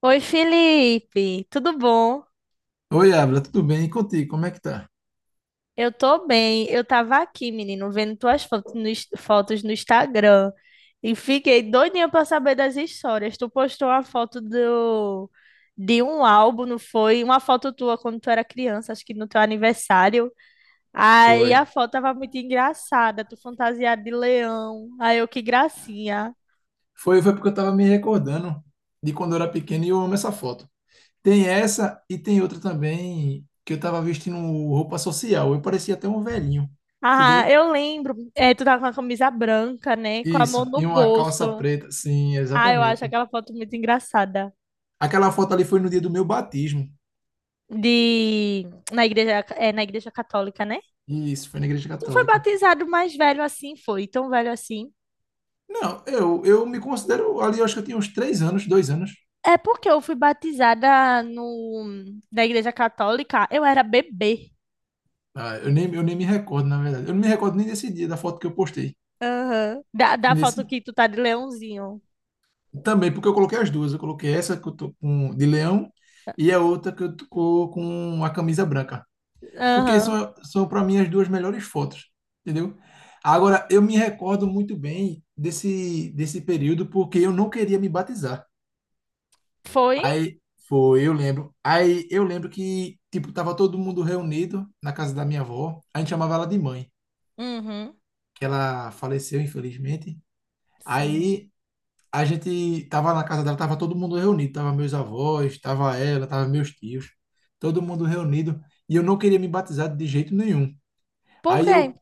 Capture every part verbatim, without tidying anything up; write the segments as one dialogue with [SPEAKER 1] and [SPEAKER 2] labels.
[SPEAKER 1] Oi, Felipe, tudo bom?
[SPEAKER 2] Oi, Abra, tudo bem? E contigo, como é que tá?
[SPEAKER 1] Eu tô bem. Eu tava aqui, menino, vendo tuas fotos no, ins- fotos no Instagram e fiquei doidinha pra saber das histórias. Tu postou uma foto do, de um álbum, não foi? Uma foto tua quando tu era criança, acho que no teu aniversário. Aí
[SPEAKER 2] Foi.
[SPEAKER 1] a foto tava muito engraçada, tu fantasiada de leão. Aí eu, que gracinha.
[SPEAKER 2] Foi, foi porque eu tava me recordando de quando eu era pequeno e eu amo essa foto. Tem essa e tem outra também que eu tava vestindo roupa social. Eu parecia até um velhinho,
[SPEAKER 1] Ah,
[SPEAKER 2] entendeu?
[SPEAKER 1] eu lembro. É, tu tava com a camisa branca, né? Com a
[SPEAKER 2] Isso,
[SPEAKER 1] mão
[SPEAKER 2] e
[SPEAKER 1] no
[SPEAKER 2] uma calça
[SPEAKER 1] bolso.
[SPEAKER 2] preta, sim,
[SPEAKER 1] Ah, eu acho
[SPEAKER 2] exatamente.
[SPEAKER 1] aquela foto muito engraçada.
[SPEAKER 2] Aquela foto ali foi no dia do meu batismo.
[SPEAKER 1] De na igreja é na igreja católica, né?
[SPEAKER 2] Isso, foi na Igreja
[SPEAKER 1] Tu foi
[SPEAKER 2] Católica.
[SPEAKER 1] batizado mais velho assim, foi tão velho assim?
[SPEAKER 2] Não, eu, eu me considero ali, eu acho que eu tinha uns três anos, dois anos.
[SPEAKER 1] É porque eu fui batizada no na igreja católica, eu era bebê.
[SPEAKER 2] Ah, eu nem, eu nem me recordo, na verdade. Eu não me recordo nem desse dia da foto que eu postei.
[SPEAKER 1] Aham. Da, da
[SPEAKER 2] Nesse.
[SPEAKER 1] foto que tu tá de leãozinho.
[SPEAKER 2] Também, porque eu coloquei as duas. Eu coloquei essa que eu tô com, de leão e a outra que eu tô com a camisa branca. Porque
[SPEAKER 1] Aham.
[SPEAKER 2] são, são para mim, as duas melhores fotos, entendeu? Agora, eu me recordo muito bem desse, desse período porque eu não queria me batizar.
[SPEAKER 1] Foi?
[SPEAKER 2] Aí, foi, eu lembro. Aí, eu lembro que, tipo, tava todo mundo reunido na casa da minha avó. A gente chamava ela de mãe,
[SPEAKER 1] Uhum.
[SPEAKER 2] que ela faleceu, infelizmente.
[SPEAKER 1] Sim.
[SPEAKER 2] Aí, a gente tava na casa dela, tava todo mundo reunido, tava meus avós, tava ela, tava meus tios, todo mundo reunido, e eu não queria me batizar de jeito nenhum.
[SPEAKER 1] Por
[SPEAKER 2] Aí
[SPEAKER 1] quê?
[SPEAKER 2] eu,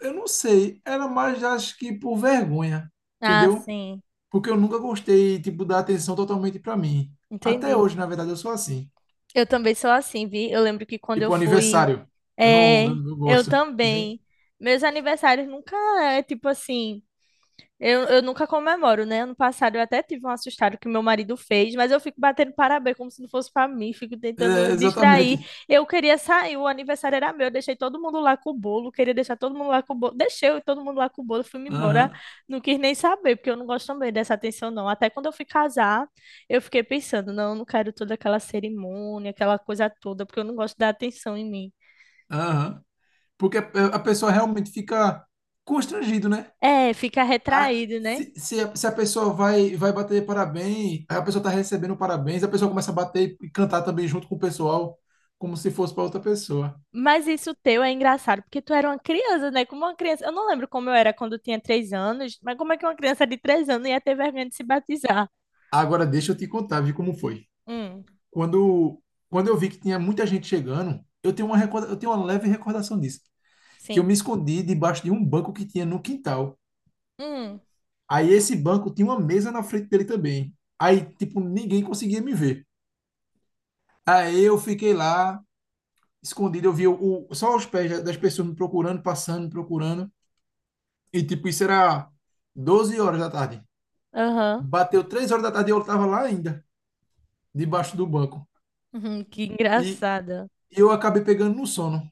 [SPEAKER 2] eu não sei, era mais acho que por vergonha,
[SPEAKER 1] Ah,
[SPEAKER 2] entendeu?
[SPEAKER 1] sim.
[SPEAKER 2] Porque eu nunca gostei, tipo, da atenção totalmente para mim. Até
[SPEAKER 1] Entendi.
[SPEAKER 2] hoje, na verdade, eu sou assim.
[SPEAKER 1] Eu também sou assim, vi? Eu lembro que quando eu
[SPEAKER 2] Tipo,
[SPEAKER 1] fui.
[SPEAKER 2] aniversário, eu não,
[SPEAKER 1] É,
[SPEAKER 2] eu não
[SPEAKER 1] eu
[SPEAKER 2] gosto, entendeu?
[SPEAKER 1] também. Meus aniversários nunca é tipo assim. Eu, eu nunca comemoro, né? Ano passado eu até tive um assustado que meu marido fez, mas eu fico batendo parabéns como se não fosse pra mim, fico
[SPEAKER 2] É,
[SPEAKER 1] tentando
[SPEAKER 2] exatamente.
[SPEAKER 1] distrair. Eu queria sair, o aniversário era meu, eu deixei todo mundo lá com o bolo, queria deixar todo mundo lá com o bolo, deixei eu e todo mundo lá com o bolo, fui-me embora,
[SPEAKER 2] Aham,
[SPEAKER 1] não quis nem saber, porque eu não gosto também dessa atenção, não. Até quando eu fui casar, eu fiquei pensando, não, eu não quero toda aquela cerimônia, aquela coisa toda, porque eu não gosto da atenção em mim.
[SPEAKER 2] aham. Porque a a pessoa realmente fica constrangido, né?
[SPEAKER 1] É, fica
[SPEAKER 2] a-
[SPEAKER 1] retraído, né?
[SPEAKER 2] se, se a, se a pessoa vai, vai bater parabéns, aí a pessoa tá recebendo parabéns, a pessoa começa a bater e cantar também junto com o pessoal, como se fosse para outra pessoa.
[SPEAKER 1] Mas isso teu é engraçado, porque tu era uma criança, né? Como uma criança. Eu não lembro como eu era quando eu tinha três anos, mas como é que uma criança de três anos ia ter vergonha de se batizar?
[SPEAKER 2] Agora deixa eu te contar, vi como foi.
[SPEAKER 1] Hum.
[SPEAKER 2] Quando, quando eu vi que tinha muita gente chegando, eu tenho uma,
[SPEAKER 1] Hum.
[SPEAKER 2] recorda- eu tenho uma leve recordação disso, que eu
[SPEAKER 1] Sim.
[SPEAKER 2] me escondi debaixo de um banco que tinha no quintal.
[SPEAKER 1] Hum.
[SPEAKER 2] Aí esse banco tinha uma mesa na frente dele também. Aí, tipo, ninguém conseguia me ver. Aí eu fiquei lá escondido, eu via o, só os pés das pessoas me procurando, passando, me procurando. E tipo, isso era 12 horas da tarde.
[SPEAKER 1] Aham.
[SPEAKER 2] Bateu três horas da tarde e eu tava lá ainda, debaixo do banco.
[SPEAKER 1] Uhum, que
[SPEAKER 2] E
[SPEAKER 1] engraçada.
[SPEAKER 2] eu acabei pegando no sono,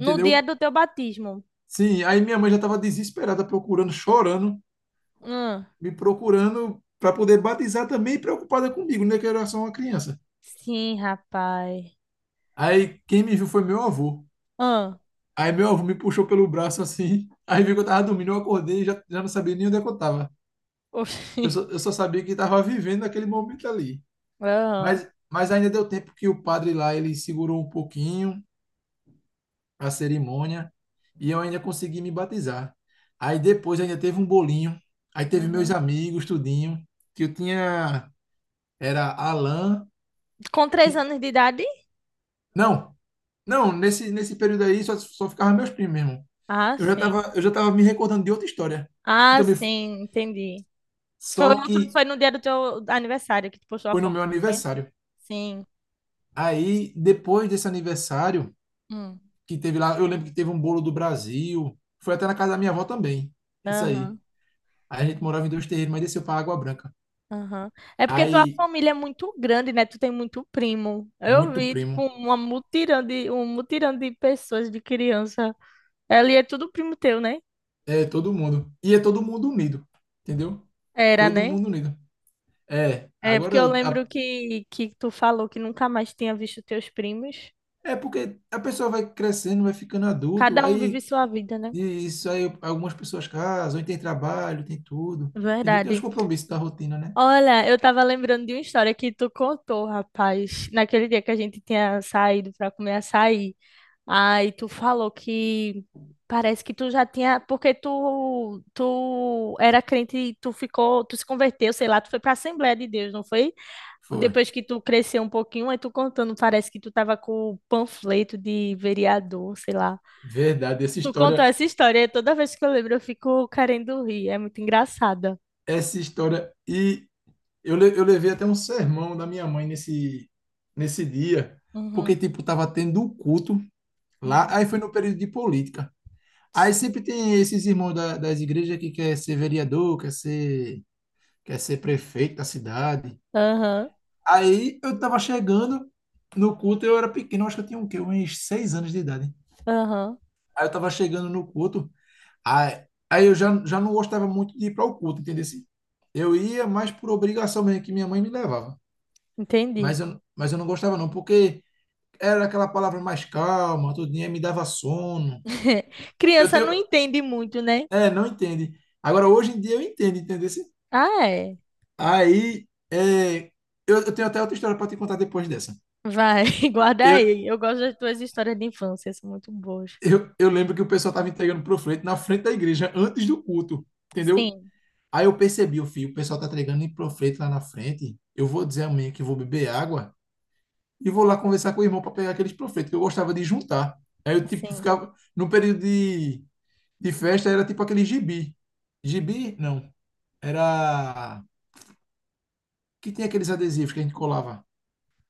[SPEAKER 1] No dia do teu batismo.
[SPEAKER 2] Sim, aí minha mãe já tava desesperada, procurando, chorando,
[SPEAKER 1] Hum.
[SPEAKER 2] me procurando para poder batizar também, preocupada comigo, né? Que eu era só uma criança.
[SPEAKER 1] Sim, rapaz.
[SPEAKER 2] Aí quem me viu foi meu avô.
[SPEAKER 1] Hum.
[SPEAKER 2] Aí meu avô me puxou pelo braço assim. Aí viu que eu tava dormindo, eu acordei e já, já não sabia nem onde é que eu tava.
[SPEAKER 1] Oxi.
[SPEAKER 2] Eu só, eu só sabia que estava vivendo aquele momento ali.
[SPEAKER 1] Aham.
[SPEAKER 2] Mas, mas ainda deu tempo que o padre lá, ele segurou um pouquinho a cerimônia e eu ainda consegui me batizar. Aí depois ainda teve um bolinho, aí teve meus
[SPEAKER 1] Uhum.
[SPEAKER 2] amigos, tudinho, que eu tinha, era Alan,
[SPEAKER 1] Com três
[SPEAKER 2] Ti-
[SPEAKER 1] anos de idade?
[SPEAKER 2] não, não, nesse, nesse período aí só, só ficava meus primos mesmo.
[SPEAKER 1] Ah,
[SPEAKER 2] Eu já
[SPEAKER 1] sim.
[SPEAKER 2] tava, eu já tava me recordando de outra história, que
[SPEAKER 1] Ah,
[SPEAKER 2] também, f-
[SPEAKER 1] sim, entendi. Foi,
[SPEAKER 2] só
[SPEAKER 1] outro-
[SPEAKER 2] que
[SPEAKER 1] foi no dia do teu aniversário que tu postou a
[SPEAKER 2] foi no
[SPEAKER 1] foto,
[SPEAKER 2] meu
[SPEAKER 1] não foi?
[SPEAKER 2] aniversário.
[SPEAKER 1] Sim.
[SPEAKER 2] Aí, depois desse aniversário, que teve lá. Eu lembro que teve um bolo do Brasil. Foi até na casa da minha avó também. Isso aí.
[SPEAKER 1] Aham,
[SPEAKER 2] Aí a gente morava em dois terreiros, mas desceu para Água Branca.
[SPEAKER 1] aham. É porque tua
[SPEAKER 2] Aí,
[SPEAKER 1] família é muito grande, né? Tu tem muito primo. Eu
[SPEAKER 2] muito
[SPEAKER 1] vi, tipo,
[SPEAKER 2] primo.
[SPEAKER 1] uma mutirão de, um mutirão de pessoas, de criança. Ali é tudo primo teu, né?
[SPEAKER 2] É, todo mundo. E é todo mundo unido. Entendeu?
[SPEAKER 1] Era,
[SPEAKER 2] Todo
[SPEAKER 1] né?
[SPEAKER 2] mundo unido. É,
[SPEAKER 1] É porque
[SPEAKER 2] agora.
[SPEAKER 1] eu lembro
[SPEAKER 2] a-
[SPEAKER 1] que, que tu falou que nunca mais tinha visto teus primos.
[SPEAKER 2] é porque a pessoa vai crescendo, vai ficando adulto.
[SPEAKER 1] Cada um vive
[SPEAKER 2] Aí,
[SPEAKER 1] sua vida, né?
[SPEAKER 2] e isso aí, algumas pessoas casam, aí tem trabalho, tem tudo. Entendeu? Tem os
[SPEAKER 1] Verdade.
[SPEAKER 2] compromissos da rotina, né?
[SPEAKER 1] Olha, eu tava lembrando de uma história que tu contou, rapaz, naquele dia que a gente tinha saído pra comer açaí. Aí tu falou que parece que tu já tinha, porque tu tu era crente, e tu ficou, tu se converteu, sei lá, tu foi para a Assembleia de Deus, não foi?
[SPEAKER 2] Foi.
[SPEAKER 1] Depois que tu cresceu um pouquinho, aí tu contando, parece que tu tava com o panfleto de vereador, sei lá.
[SPEAKER 2] Verdade, essa
[SPEAKER 1] Tu conta
[SPEAKER 2] história.
[SPEAKER 1] essa história, e toda vez que eu lembro eu fico querendo rir, é muito engraçada.
[SPEAKER 2] Essa história. E Eu, le- eu levei até um sermão da minha mãe nesse, nesse dia, porque,
[SPEAKER 1] Uhum,
[SPEAKER 2] tipo, tava tendo um culto lá,
[SPEAKER 1] uhum.
[SPEAKER 2] aí foi no período de política. Aí
[SPEAKER 1] Sim.
[SPEAKER 2] sempre tem esses irmãos da- das igrejas que quer ser vereador, quer ser, quer ser prefeito da cidade.
[SPEAKER 1] Aham,
[SPEAKER 2] Aí eu tava chegando no culto, eu era pequeno, acho que eu tinha o quê? Uns seis anos de idade.
[SPEAKER 1] aham,
[SPEAKER 2] Aí eu tava chegando no culto, aí, aí eu já, já não gostava muito de ir para o culto, entendeu? Assim, eu ia mais por obrigação mesmo, que minha mãe me levava.
[SPEAKER 1] entendi.
[SPEAKER 2] Mas eu, mas eu não gostava não, porque era aquela palavra mais calma, tudinho, aí me dava sono. Eu
[SPEAKER 1] Criança
[SPEAKER 2] tenho...
[SPEAKER 1] não entende muito, né?
[SPEAKER 2] É, não entende. Agora, hoje em dia eu entendo, entendeu?
[SPEAKER 1] Ah, é.
[SPEAKER 2] Aí, é, eu, eu tenho até outra história para te contar depois dessa.
[SPEAKER 1] Vai, guarda
[SPEAKER 2] Eu,
[SPEAKER 1] aí. Eu gosto das tuas histórias de infância, são muito boas.
[SPEAKER 2] eu, eu lembro que o pessoal estava entregando panfleto na frente da igreja, antes do culto, entendeu?
[SPEAKER 1] Sim,
[SPEAKER 2] Aí eu percebi, o filho, o pessoal tá entregando em panfleto lá na frente. Eu vou dizer a mãe que vou beber água e vou lá conversar com o irmão para pegar aqueles panfletos que eu gostava de juntar. Aí eu, tipo,
[SPEAKER 1] sim.
[SPEAKER 2] ficava no período de de festa era tipo aquele gibi. Gibi, não. Era. Que tinha aqueles adesivos que a gente colava.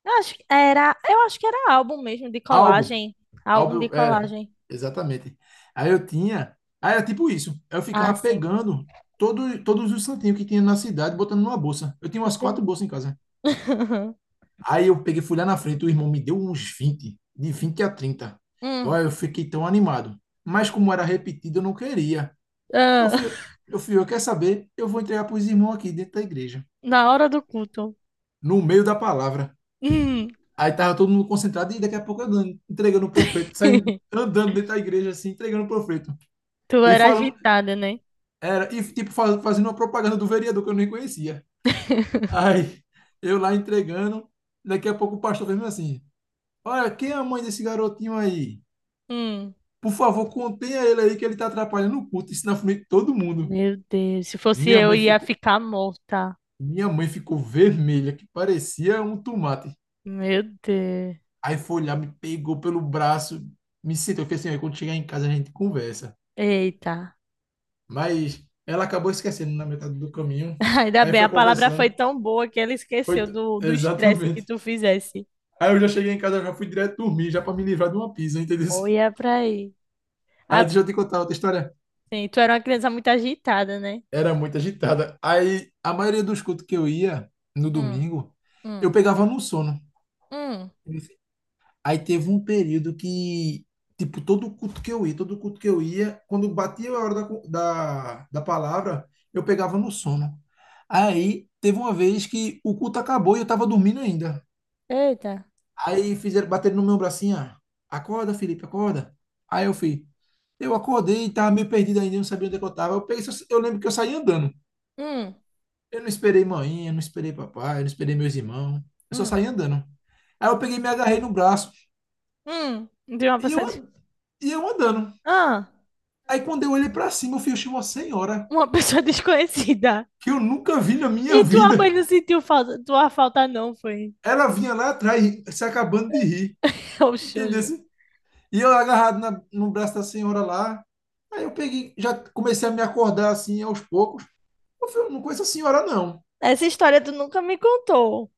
[SPEAKER 1] Eu acho que era, eu acho que era álbum mesmo de
[SPEAKER 2] Álbum.
[SPEAKER 1] colagem. Álbum de
[SPEAKER 2] Álbum era.
[SPEAKER 1] colagem.
[SPEAKER 2] Exatamente. Aí eu tinha. Aí era tipo isso. Eu
[SPEAKER 1] Ah,
[SPEAKER 2] ficava
[SPEAKER 1] sim.
[SPEAKER 2] pegando todo, todos os santinhos que tinha na cidade, botando numa bolsa. Eu tinha umas quatro
[SPEAKER 1] Entendi.
[SPEAKER 2] bolsas em casa. Aí eu peguei, fui lá na frente, o irmão me deu uns vinte de vinte a trinta. Eu,
[SPEAKER 1] Hum,
[SPEAKER 2] aí eu fiquei tão animado. Mas
[SPEAKER 1] hum.
[SPEAKER 2] como era repetido, eu não queria. Eu
[SPEAKER 1] Ah,
[SPEAKER 2] fui, eu fui, eu quero saber, eu vou entregar para os irmãos aqui dentro da igreja,
[SPEAKER 1] na hora do culto.
[SPEAKER 2] no meio da palavra.
[SPEAKER 1] Hum.
[SPEAKER 2] Aí tava todo mundo concentrado e daqui a pouco eu dando- entregando o profeto, saindo andando dentro da igreja assim, entregando o profeto.
[SPEAKER 1] Tu
[SPEAKER 2] E
[SPEAKER 1] era
[SPEAKER 2] falando,
[SPEAKER 1] agitada, né?
[SPEAKER 2] era, e tipo fa- fazendo uma propaganda do vereador que eu nem conhecia. Aí eu lá entregando, daqui a pouco o pastor fez assim: "Olha, quem é a mãe desse garotinho aí?
[SPEAKER 1] Hum.
[SPEAKER 2] Por favor, contenha ele aí que ele tá atrapalhando o culto, isso na frente de todo mundo".
[SPEAKER 1] Meu Deus, se fosse
[SPEAKER 2] Minha
[SPEAKER 1] eu,
[SPEAKER 2] mãe
[SPEAKER 1] ia
[SPEAKER 2] ficou,
[SPEAKER 1] ficar morta.
[SPEAKER 2] minha mãe ficou vermelha, que parecia um tomate.
[SPEAKER 1] Meu Deus.
[SPEAKER 2] Aí foi lá, me pegou pelo braço, me sentou, eu falei assim, "Olha, quando chegar em casa a gente conversa".
[SPEAKER 1] Eita.
[SPEAKER 2] Mas ela acabou esquecendo na metade do caminho.
[SPEAKER 1] Ainda
[SPEAKER 2] Aí
[SPEAKER 1] bem, a
[SPEAKER 2] foi
[SPEAKER 1] palavra foi
[SPEAKER 2] conversando.
[SPEAKER 1] tão boa que ela
[SPEAKER 2] Foi
[SPEAKER 1] esqueceu
[SPEAKER 2] t-
[SPEAKER 1] do do estresse que
[SPEAKER 2] Exatamente.
[SPEAKER 1] tu fizesse.
[SPEAKER 2] Aí eu já cheguei em casa, já fui direto dormir, já para me livrar de uma pizza, entendeu?
[SPEAKER 1] Ou ia pra aí.
[SPEAKER 2] Aí
[SPEAKER 1] Ah,
[SPEAKER 2] deixa eu te contar outra história.
[SPEAKER 1] sim, tu era uma criança muito agitada, né?
[SPEAKER 2] Era muito agitada. Aí a maioria dos cultos que eu ia no
[SPEAKER 1] Hum,
[SPEAKER 2] domingo, eu
[SPEAKER 1] hum,
[SPEAKER 2] pegava no sono.
[SPEAKER 1] hum.
[SPEAKER 2] Aí teve um período que, tipo, todo culto que eu ia, todo culto que eu ia, quando batia a hora da, co- da, da palavra, eu pegava no sono. Aí teve uma vez que o culto acabou e eu tava dormindo ainda.
[SPEAKER 1] Eita.
[SPEAKER 2] Aí fizeram bater no meu bracinho, ah, acorda, Felipe, acorda. Aí eu fui. Eu acordei e tava meio perdido ainda, não sabia onde é que eu tava. Eu, peguei, só- eu lembro que eu saí andando.
[SPEAKER 1] Hum,
[SPEAKER 2] Eu não esperei mãe, eu não esperei papai, eu não esperei meus irmãos. Eu só
[SPEAKER 1] hum,
[SPEAKER 2] saí andando. Aí eu peguei, e me agarrei no braço
[SPEAKER 1] hum. De uma
[SPEAKER 2] e eu,
[SPEAKER 1] pessoa. des-
[SPEAKER 2] an- e eu andando.
[SPEAKER 1] Ah,
[SPEAKER 2] Aí quando eu olhei para cima, eu fui achei uma senhora
[SPEAKER 1] uma pessoa desconhecida.
[SPEAKER 2] que eu nunca vi na minha
[SPEAKER 1] E tua mãe
[SPEAKER 2] vida.
[SPEAKER 1] não sentiu falta? Tua falta não foi.
[SPEAKER 2] Ela vinha lá atrás, se acabando de rir.
[SPEAKER 1] Oxe,
[SPEAKER 2] Entendeu?
[SPEAKER 1] oxe.
[SPEAKER 2] Assim, e eu agarrado na- no braço da senhora lá. Aí eu peguei, já comecei a me acordar assim aos poucos. Eu falei, eu não conheço a senhora, não.
[SPEAKER 1] Essa história tu nunca me contou.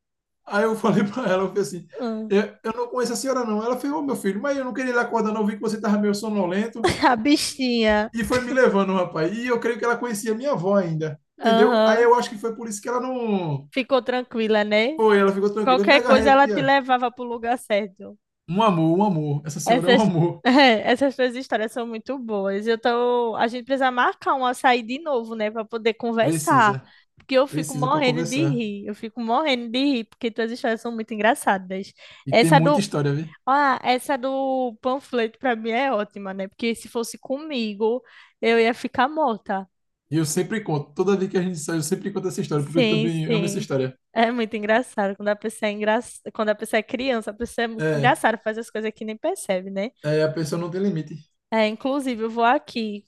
[SPEAKER 2] Aí eu falei para ela, eu falei assim,
[SPEAKER 1] Ah,
[SPEAKER 2] eu, eu não conheço a senhora, não. Ela falou, ô meu filho, mas eu não queria lhe acordar, não. Eu vi que você tava meio sonolento.
[SPEAKER 1] a bichinha.
[SPEAKER 2] E foi me levando, rapaz. E eu creio que ela conhecia minha avó ainda. Entendeu? Aí
[SPEAKER 1] Aham.
[SPEAKER 2] eu acho que foi por isso que ela não.
[SPEAKER 1] Ficou tranquila, né?
[SPEAKER 2] Foi, ela ficou tranquila. Eu me
[SPEAKER 1] Qualquer
[SPEAKER 2] agarrei
[SPEAKER 1] coisa ela
[SPEAKER 2] aqui,
[SPEAKER 1] te
[SPEAKER 2] ó.
[SPEAKER 1] levava pro lugar certo.
[SPEAKER 2] Um amor, um amor. Essa senhora é um
[SPEAKER 1] Essas,
[SPEAKER 2] amor.
[SPEAKER 1] é, essas tuas histórias são muito boas. Eu tô, a gente precisa marcar um açaí de novo, né, para poder conversar,
[SPEAKER 2] Precisa.
[SPEAKER 1] porque eu fico
[SPEAKER 2] Precisa para
[SPEAKER 1] morrendo de
[SPEAKER 2] conversar.
[SPEAKER 1] rir. Eu fico morrendo de rir porque tuas histórias são muito engraçadas.
[SPEAKER 2] E tem
[SPEAKER 1] Essa
[SPEAKER 2] muita
[SPEAKER 1] do,
[SPEAKER 2] história, viu?
[SPEAKER 1] ah, essa do panfleto para mim é ótima, né? Porque se fosse comigo, eu ia ficar morta.
[SPEAKER 2] E eu sempre conto. Toda vez que a gente sai, eu sempre conto essa história, porque eu
[SPEAKER 1] Sim,
[SPEAKER 2] também amo essa
[SPEAKER 1] sim.
[SPEAKER 2] história.
[SPEAKER 1] É muito engraçado. Quando a pessoa é engra... quando a pessoa é criança, a pessoa é muito
[SPEAKER 2] É,
[SPEAKER 1] engraçada, faz as coisas que nem percebe, né?
[SPEAKER 2] é a pessoa não tem limite.
[SPEAKER 1] É, inclusive, eu vou aqui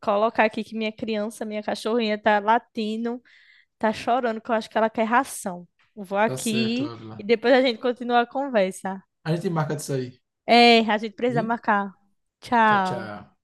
[SPEAKER 1] colocar aqui que minha criança, minha cachorrinha tá latindo, tá chorando, que eu acho que ela quer ração. Eu vou
[SPEAKER 2] Tá certo,
[SPEAKER 1] aqui e
[SPEAKER 2] Ávila.
[SPEAKER 1] depois a gente continua a conversa.
[SPEAKER 2] A gente marca de sair,
[SPEAKER 1] É, a gente precisa
[SPEAKER 2] viu?
[SPEAKER 1] marcar.
[SPEAKER 2] Tchau,
[SPEAKER 1] Tchau.
[SPEAKER 2] tchau.